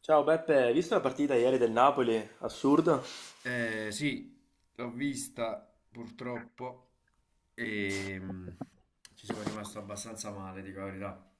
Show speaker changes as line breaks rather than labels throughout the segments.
Ciao Beppe, hai visto la partita ieri del Napoli? Assurdo.
Sì, l'ho vista purtroppo e ci sono rimasto abbastanza male, dico la verità.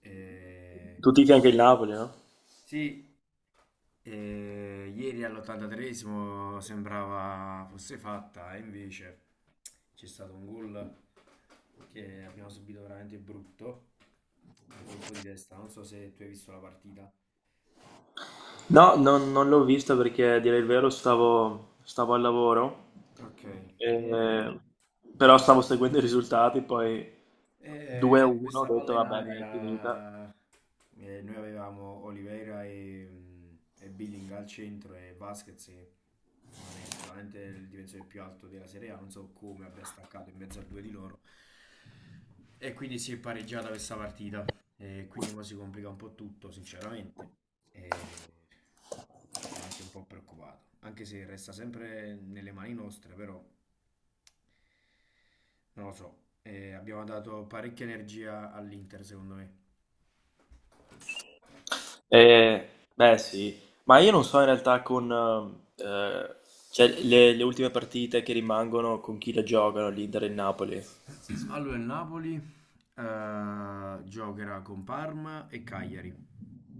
Eh,
Tu tifi anche il Napoli, no?
sì, ieri all'83esimo sembrava fosse fatta, e invece c'è stato un gol che abbiamo subito veramente brutto, un colpo di testa, non so se tu hai visto la partita.
No, non l'ho vista perché a dire il vero stavo al lavoro,
Ok, eh,
eh, però stavo seguendo i risultati, poi 2-1, ho
Questa palla
detto
in
vabbè, dai, è finita.
aria, noi avevamo Oliveira e Billing al centro e Vasquez che non è sicuramente il difensore più alto della Serie A, non so come abbia staccato in mezzo a due di loro, e quindi si è pareggiata questa partita. E quindi mo si complica un po' tutto, sinceramente, e sono anche un po' preoccupato, anche se resta sempre nelle mani nostre, però non lo so. Abbiamo dato parecchia energia all'Inter, secondo me.
Beh sì, ma io non so in realtà con eh, cioè, le ultime partite che rimangono con chi le giocano, l'Inter e il Napoli.
Allora il Napoli giocherà con Parma e Cagliari.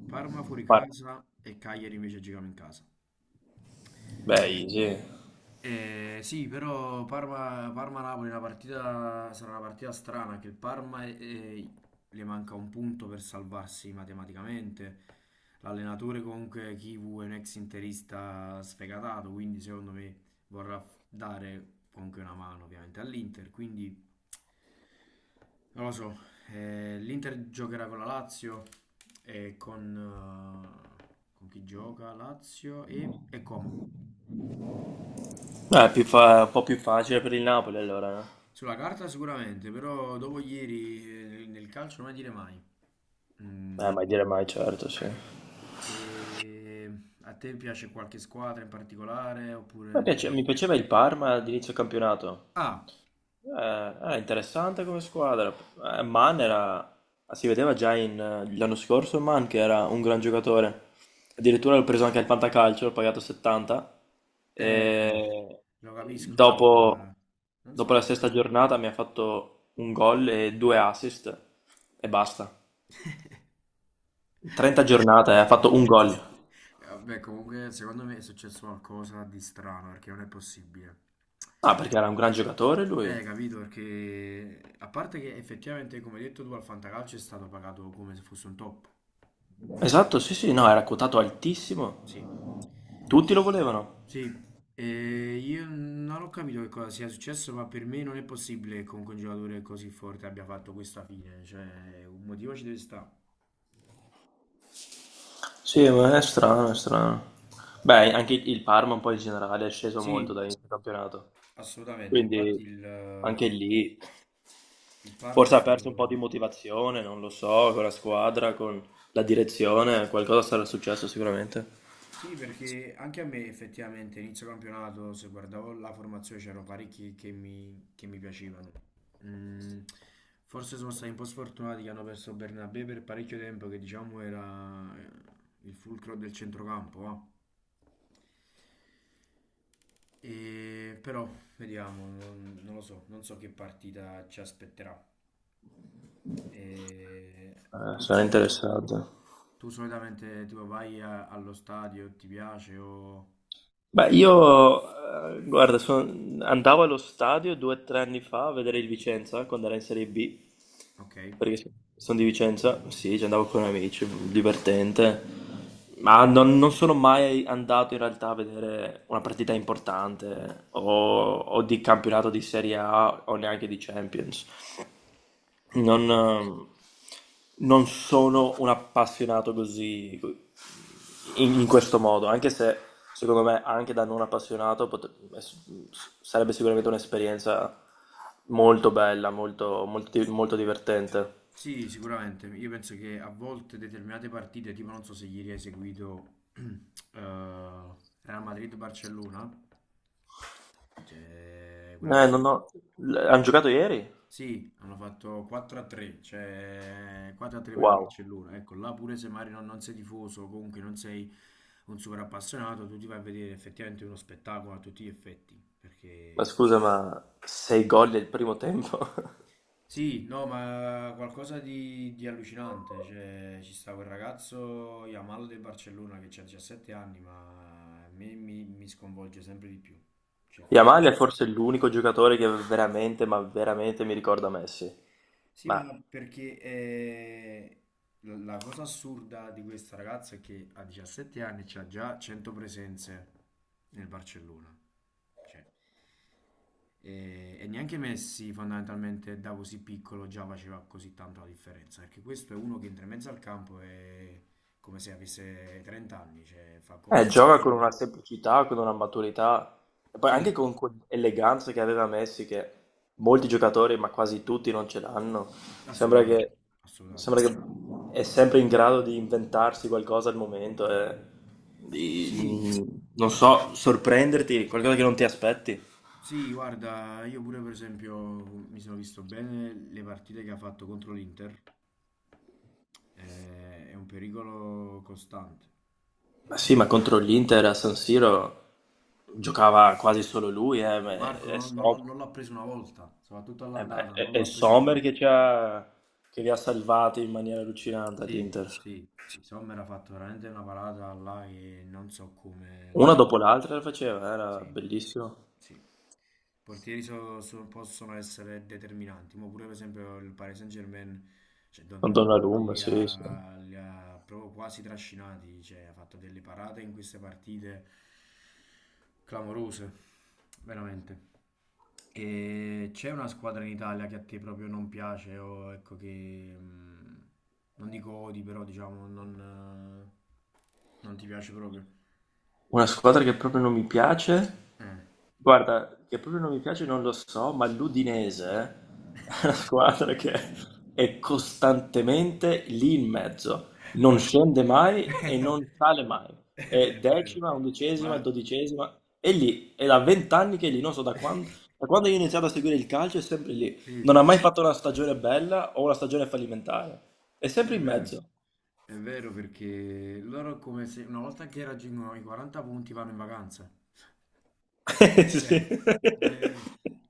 Parma fuori
Par-
casa e Cagliari invece giochiamo in casa.
Beh, easy.
Sì, però Parma-Napoli è una partita, sarà una partita strana, che il Parma, le manca un punto per salvarsi matematicamente. L'allenatore comunque Kivu è un ex interista sfegatato, quindi secondo me vorrà dare comunque una mano ovviamente all'Inter, quindi non lo so. L'Inter giocherà con la Lazio e con chi gioca? Lazio e Como.
È più un po' più facile per il Napoli allora,
Sulla carta sicuramente, però dopo ieri, nel calcio non mai dire mai. Mm,
Mai dire mai, certo, sì.
e a te piace qualche squadra in particolare? Oppure diciamo...
Mi piaceva il Parma all'inizio campionato.
Ah,
Era interessante come squadra. Man era... Si vedeva già l'anno scorso Man che era un gran giocatore. Addirittura l'ho preso anche al Fantacalcio, l'ho pagato 70.
eh,
E
lo capisco,
dopo,
guarda, non so.
dopo la sesta giornata mi ha fatto un gol e due assist e basta. 30 giornate, ha fatto un gol.
Vabbè, comunque secondo me è successo qualcosa di strano, perché non è possibile.
Ah, perché era un gran giocatore lui.
Capito, perché a parte che effettivamente, come hai detto tu, al Fantacalcio è stato pagato come se fosse un top.
Esatto, sì, sì, no, era quotato
Sì.
altissimo. Tutti lo volevano.
Sì, io non ho capito che cosa sia successo, ma per me non è possibile che comunque un giocatore così forte abbia fatto questa fine, cioè un motivo ci deve stare.
Sì, ma è strano, è strano. Beh, anche il Parma un po' in generale è sceso molto
Sì,
da inizio campionato.
assolutamente, infatti
Quindi
il, eh,
anche lì
il Parma è
forse ha perso un po' di
stato...
motivazione, non lo so, con la squadra, con la direzione, qualcosa sarà successo sicuramente.
Sì, perché anche a me, effettivamente, inizio campionato, se guardavo la formazione, c'erano parecchi che mi piacevano. Mm, Forse sono stati un po' sfortunati, che hanno perso Bernabé per parecchio tempo, che diciamo era il fulcro del centrocampo, va. E, però vediamo, non lo so, non so che partita ci aspetterà. E tu,
Sarà
solita-
interessante.
tu solitamente tipo vai allo stadio, ti piace o...
Beh, guarda, andavo allo stadio due o tre anni fa a vedere il Vicenza quando era in Serie B,
Ok,
perché sono di Vicenza, sì, ci andavo con amici, divertente, ma non sono mai andato in realtà a vedere una partita importante o di campionato di Serie A o neanche di Champions. Non,
ok.
ehm, non sono un appassionato così in questo modo, anche se secondo me anche da non appassionato sarebbe sicuramente un'esperienza molto bella, molto divertente.
Sì, sicuramente. Io penso che a volte determinate partite, tipo non so se ieri hai seguito Real Madrid-Barcellona, cioè quella
Non
partita.
ho- l- Hanno giocato ieri?
Sì, hanno fatto 4-3, cioè 4-3 per il
Wow,
Barcellona. Ecco, là pure se magari non sei tifoso, comunque non sei un super appassionato, tu ti vai a vedere effettivamente uno spettacolo a tutti gli effetti,
ma
perché.
scusa, ma sei gol del primo tempo?
Sì, no, ma qualcosa di allucinante. Cioè, ci sta quel ragazzo Yamal del Barcellona, che ha 17 anni, ma a me mi sconvolge sempre di più. Cioè, fa
Yamal è forse l'unico giocatore che veramente, ma veramente mi ricorda Messi.
sì, ma
Ma
no, perché la cosa assurda di questa ragazza è che a 17 anni c'ha già 100 presenze nel Barcellona. Cioè, e neanche Messi fondamentalmente da così piccolo già faceva così tanto la differenza, perché questo è uno che entra in mezzo al campo e come se avesse 30 anni, cioè fa cose...
Gioca con una semplicità, con una maturità, e poi
Sì,
anche con quell'eleganza che aveva Messi, che molti giocatori, ma quasi tutti, non ce l'hanno. Sembra
assolutamente,
che,
assolutamente.
sembra che è sempre in grado di inventarsi qualcosa al momento, e
Sì,
non so, sorprenderti, qualcosa che non ti aspetti.
sì, guarda, io pure per esempio mi sono visto bene le partite che ha fatto contro l'Inter. È un pericolo costante.
Ma sì, ma contro l'Inter a San Siro giocava quasi solo lui,
Di Marco non l'ha non l'ha preso una volta, soprattutto
eh, beh,
all'andata, non
è
l'ha preso una
Sommer
volta.
che li ha salvati in maniera allucinante
Sì,
all'Inter.
sì, sì, Sommer ha fatto veramente una parata là che non so come la...
Una dopo l'altra la faceva, era
Sì,
bellissimo.
sì. I portieri possono essere determinanti, ma pure per esempio il Paris Saint-Germain, cioè
Con
Donnarumma
Donnarumma,
li
sì, sì.
ha, li ha proprio quasi trascinati, cioè ha fatto delle parate in queste partite clamorose, veramente. E c'è una squadra in Italia che a te proprio non piace, o ecco che non dico odi, però diciamo non ti piace proprio.
Una squadra che proprio non mi piace.
Eh.
Guarda, che proprio non mi piace non lo so, ma l'Udinese è una squadra che è costantemente lì in mezzo, non scende mai e non sale mai. È
È vero,
decima, undicesima,
ma
dodicesima, è lì, è da vent'anni che è lì, non so da quando io ho iniziato a seguire il calcio è sempre lì.
sì,
Non ha mai fatto una stagione bella o una stagione fallimentare, è
è
sempre in
vero.
mezzo.
È vero, perché loro come se una volta che raggiungono i 40 punti vanno in vacanza.
Sì.
Cioè, eh,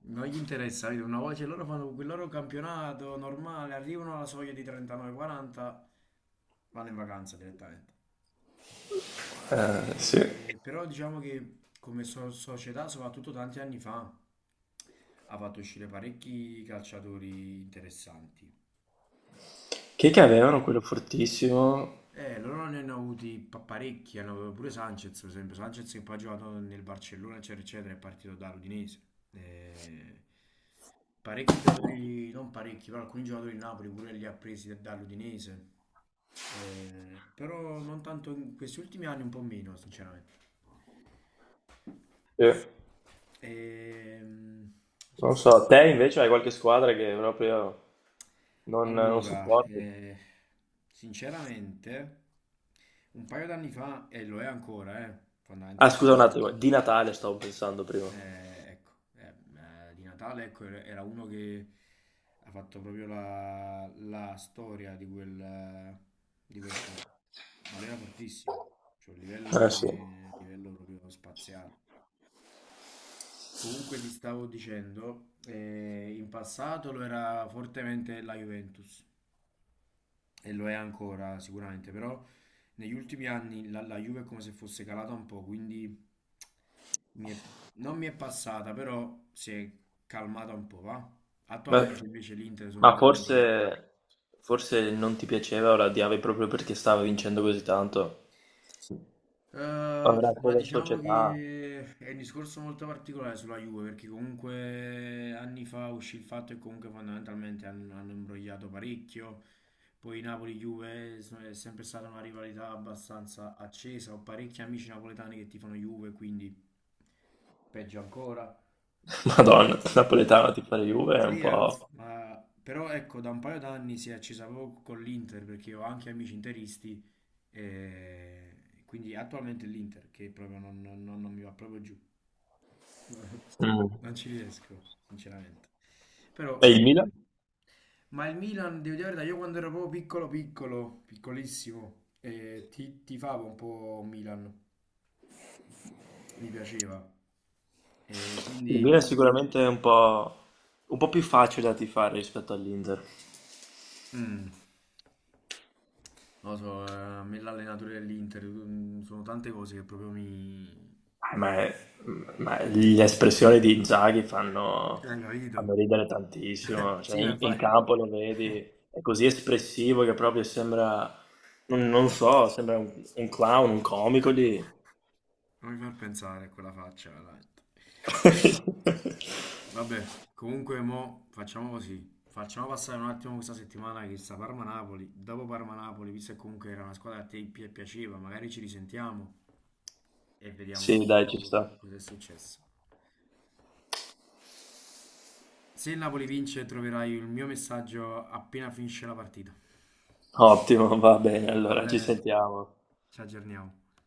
non gli interessa, capito? Una volta che loro fanno quel loro campionato normale, arrivano alla soglia di 39-40, vanno in vacanza direttamente.
sì.
Però diciamo che come società, soprattutto tanti anni fa, ha fatto uscire parecchi calciatori interessanti.
Chi è che avevano quello fortissimo?
Loro ne hanno avuti parecchi, hanno avuto pure Sanchez, per esempio. Sanchez, che poi ha giocato nel Barcellona, eccetera, eccetera, è partito da Udinese. Eh, Parecchi giocatori, non parecchi, però alcuni giocatori del Napoli pure li ha presi dall'Udinese. Però non tanto in questi ultimi anni, un po' meno, sinceramente.
Sì.
Ehm,
Non so,
Aspetta.
te invece hai qualche squadra che proprio non
Allora,
supporti?
sinceramente, un paio d'anni fa, e lo è ancora,
Ah, scusa un
fondamentalmente,
attimo, di Natale stavo pensando prima.
Ecco, eh, di Natale, ecco, era uno che ha fatto proprio la storia di quel club, ma lui era fortissimo, cioè un livello,
Eh sì.
che, livello proprio spaziale. Comunque ti stavo dicendo, in passato lo era fortemente la Juventus, e lo è ancora sicuramente, però negli ultimi anni la Juve è come se fosse calata un po', quindi Mi è- non mi è passata, però si è calmata un po', va?
Ma,
Attualmente invece l'Inter, sono un
ma
paio d'anni.
forse, forse non ti piaceva o la odiavi proprio perché stava vincendo così tanto? Avrà
Ma
come
diciamo
società.
che è un discorso molto particolare sulla Juve, perché comunque anni fa uscì il fatto che comunque fondamentalmente hanno imbrogliato parecchio. Poi Napoli-Juve è sempre stata una rivalità abbastanza accesa. Ho parecchi amici napoletani che tifano Juve, quindi peggio ancora.
Madonna, napoletano ti fare Juve è un
Sì, è uff,
po'...
ma però ecco, da un paio d'anni si è accesa proprio con l'Inter, perché ho anche amici interisti, e quindi attualmente è l'Inter che proprio non mi va proprio giù.
Mm.
Non ci riesco, sinceramente. Però,
E il Milan?
ma il Milan, devo dire la verità, io quando ero proprio piccolo, piccolo, piccolissimo, tifavo un po' Milan, mi piaceva. E
Il Milan è
quindi
sicuramente un po' più facile da tifare rispetto all'Inter.
mm. Non lo so, a me l'allenatore dell'Inter, sono tante cose che proprio mi...
Eh, Ma, è- ma le espressioni di Inzaghi fanno,
Hai capito?
fanno ridere tantissimo,
Sì,
cioè
ma
in
infatti...
campo lo vedi, è così espressivo che proprio sembra, non, non so, sembra un clown, un comico lì.
Non mi far pensare a quella faccia, veramente. Vabbè, comunque mo facciamo così. Facciamo passare un attimo questa settimana che sta Parma-Napoli. Dopo Parma-Napoli, visto che comunque era una squadra che a te piaceva, magari ci risentiamo e vediamo un
Sì, dai, ci
po'
sta.
cosa è successo. Se il Napoli vince, troverai il mio messaggio appena finisce la partita.
Ottimo, va bene,
Va
allora ci
bene?
sentiamo.
Ci aggiorniamo.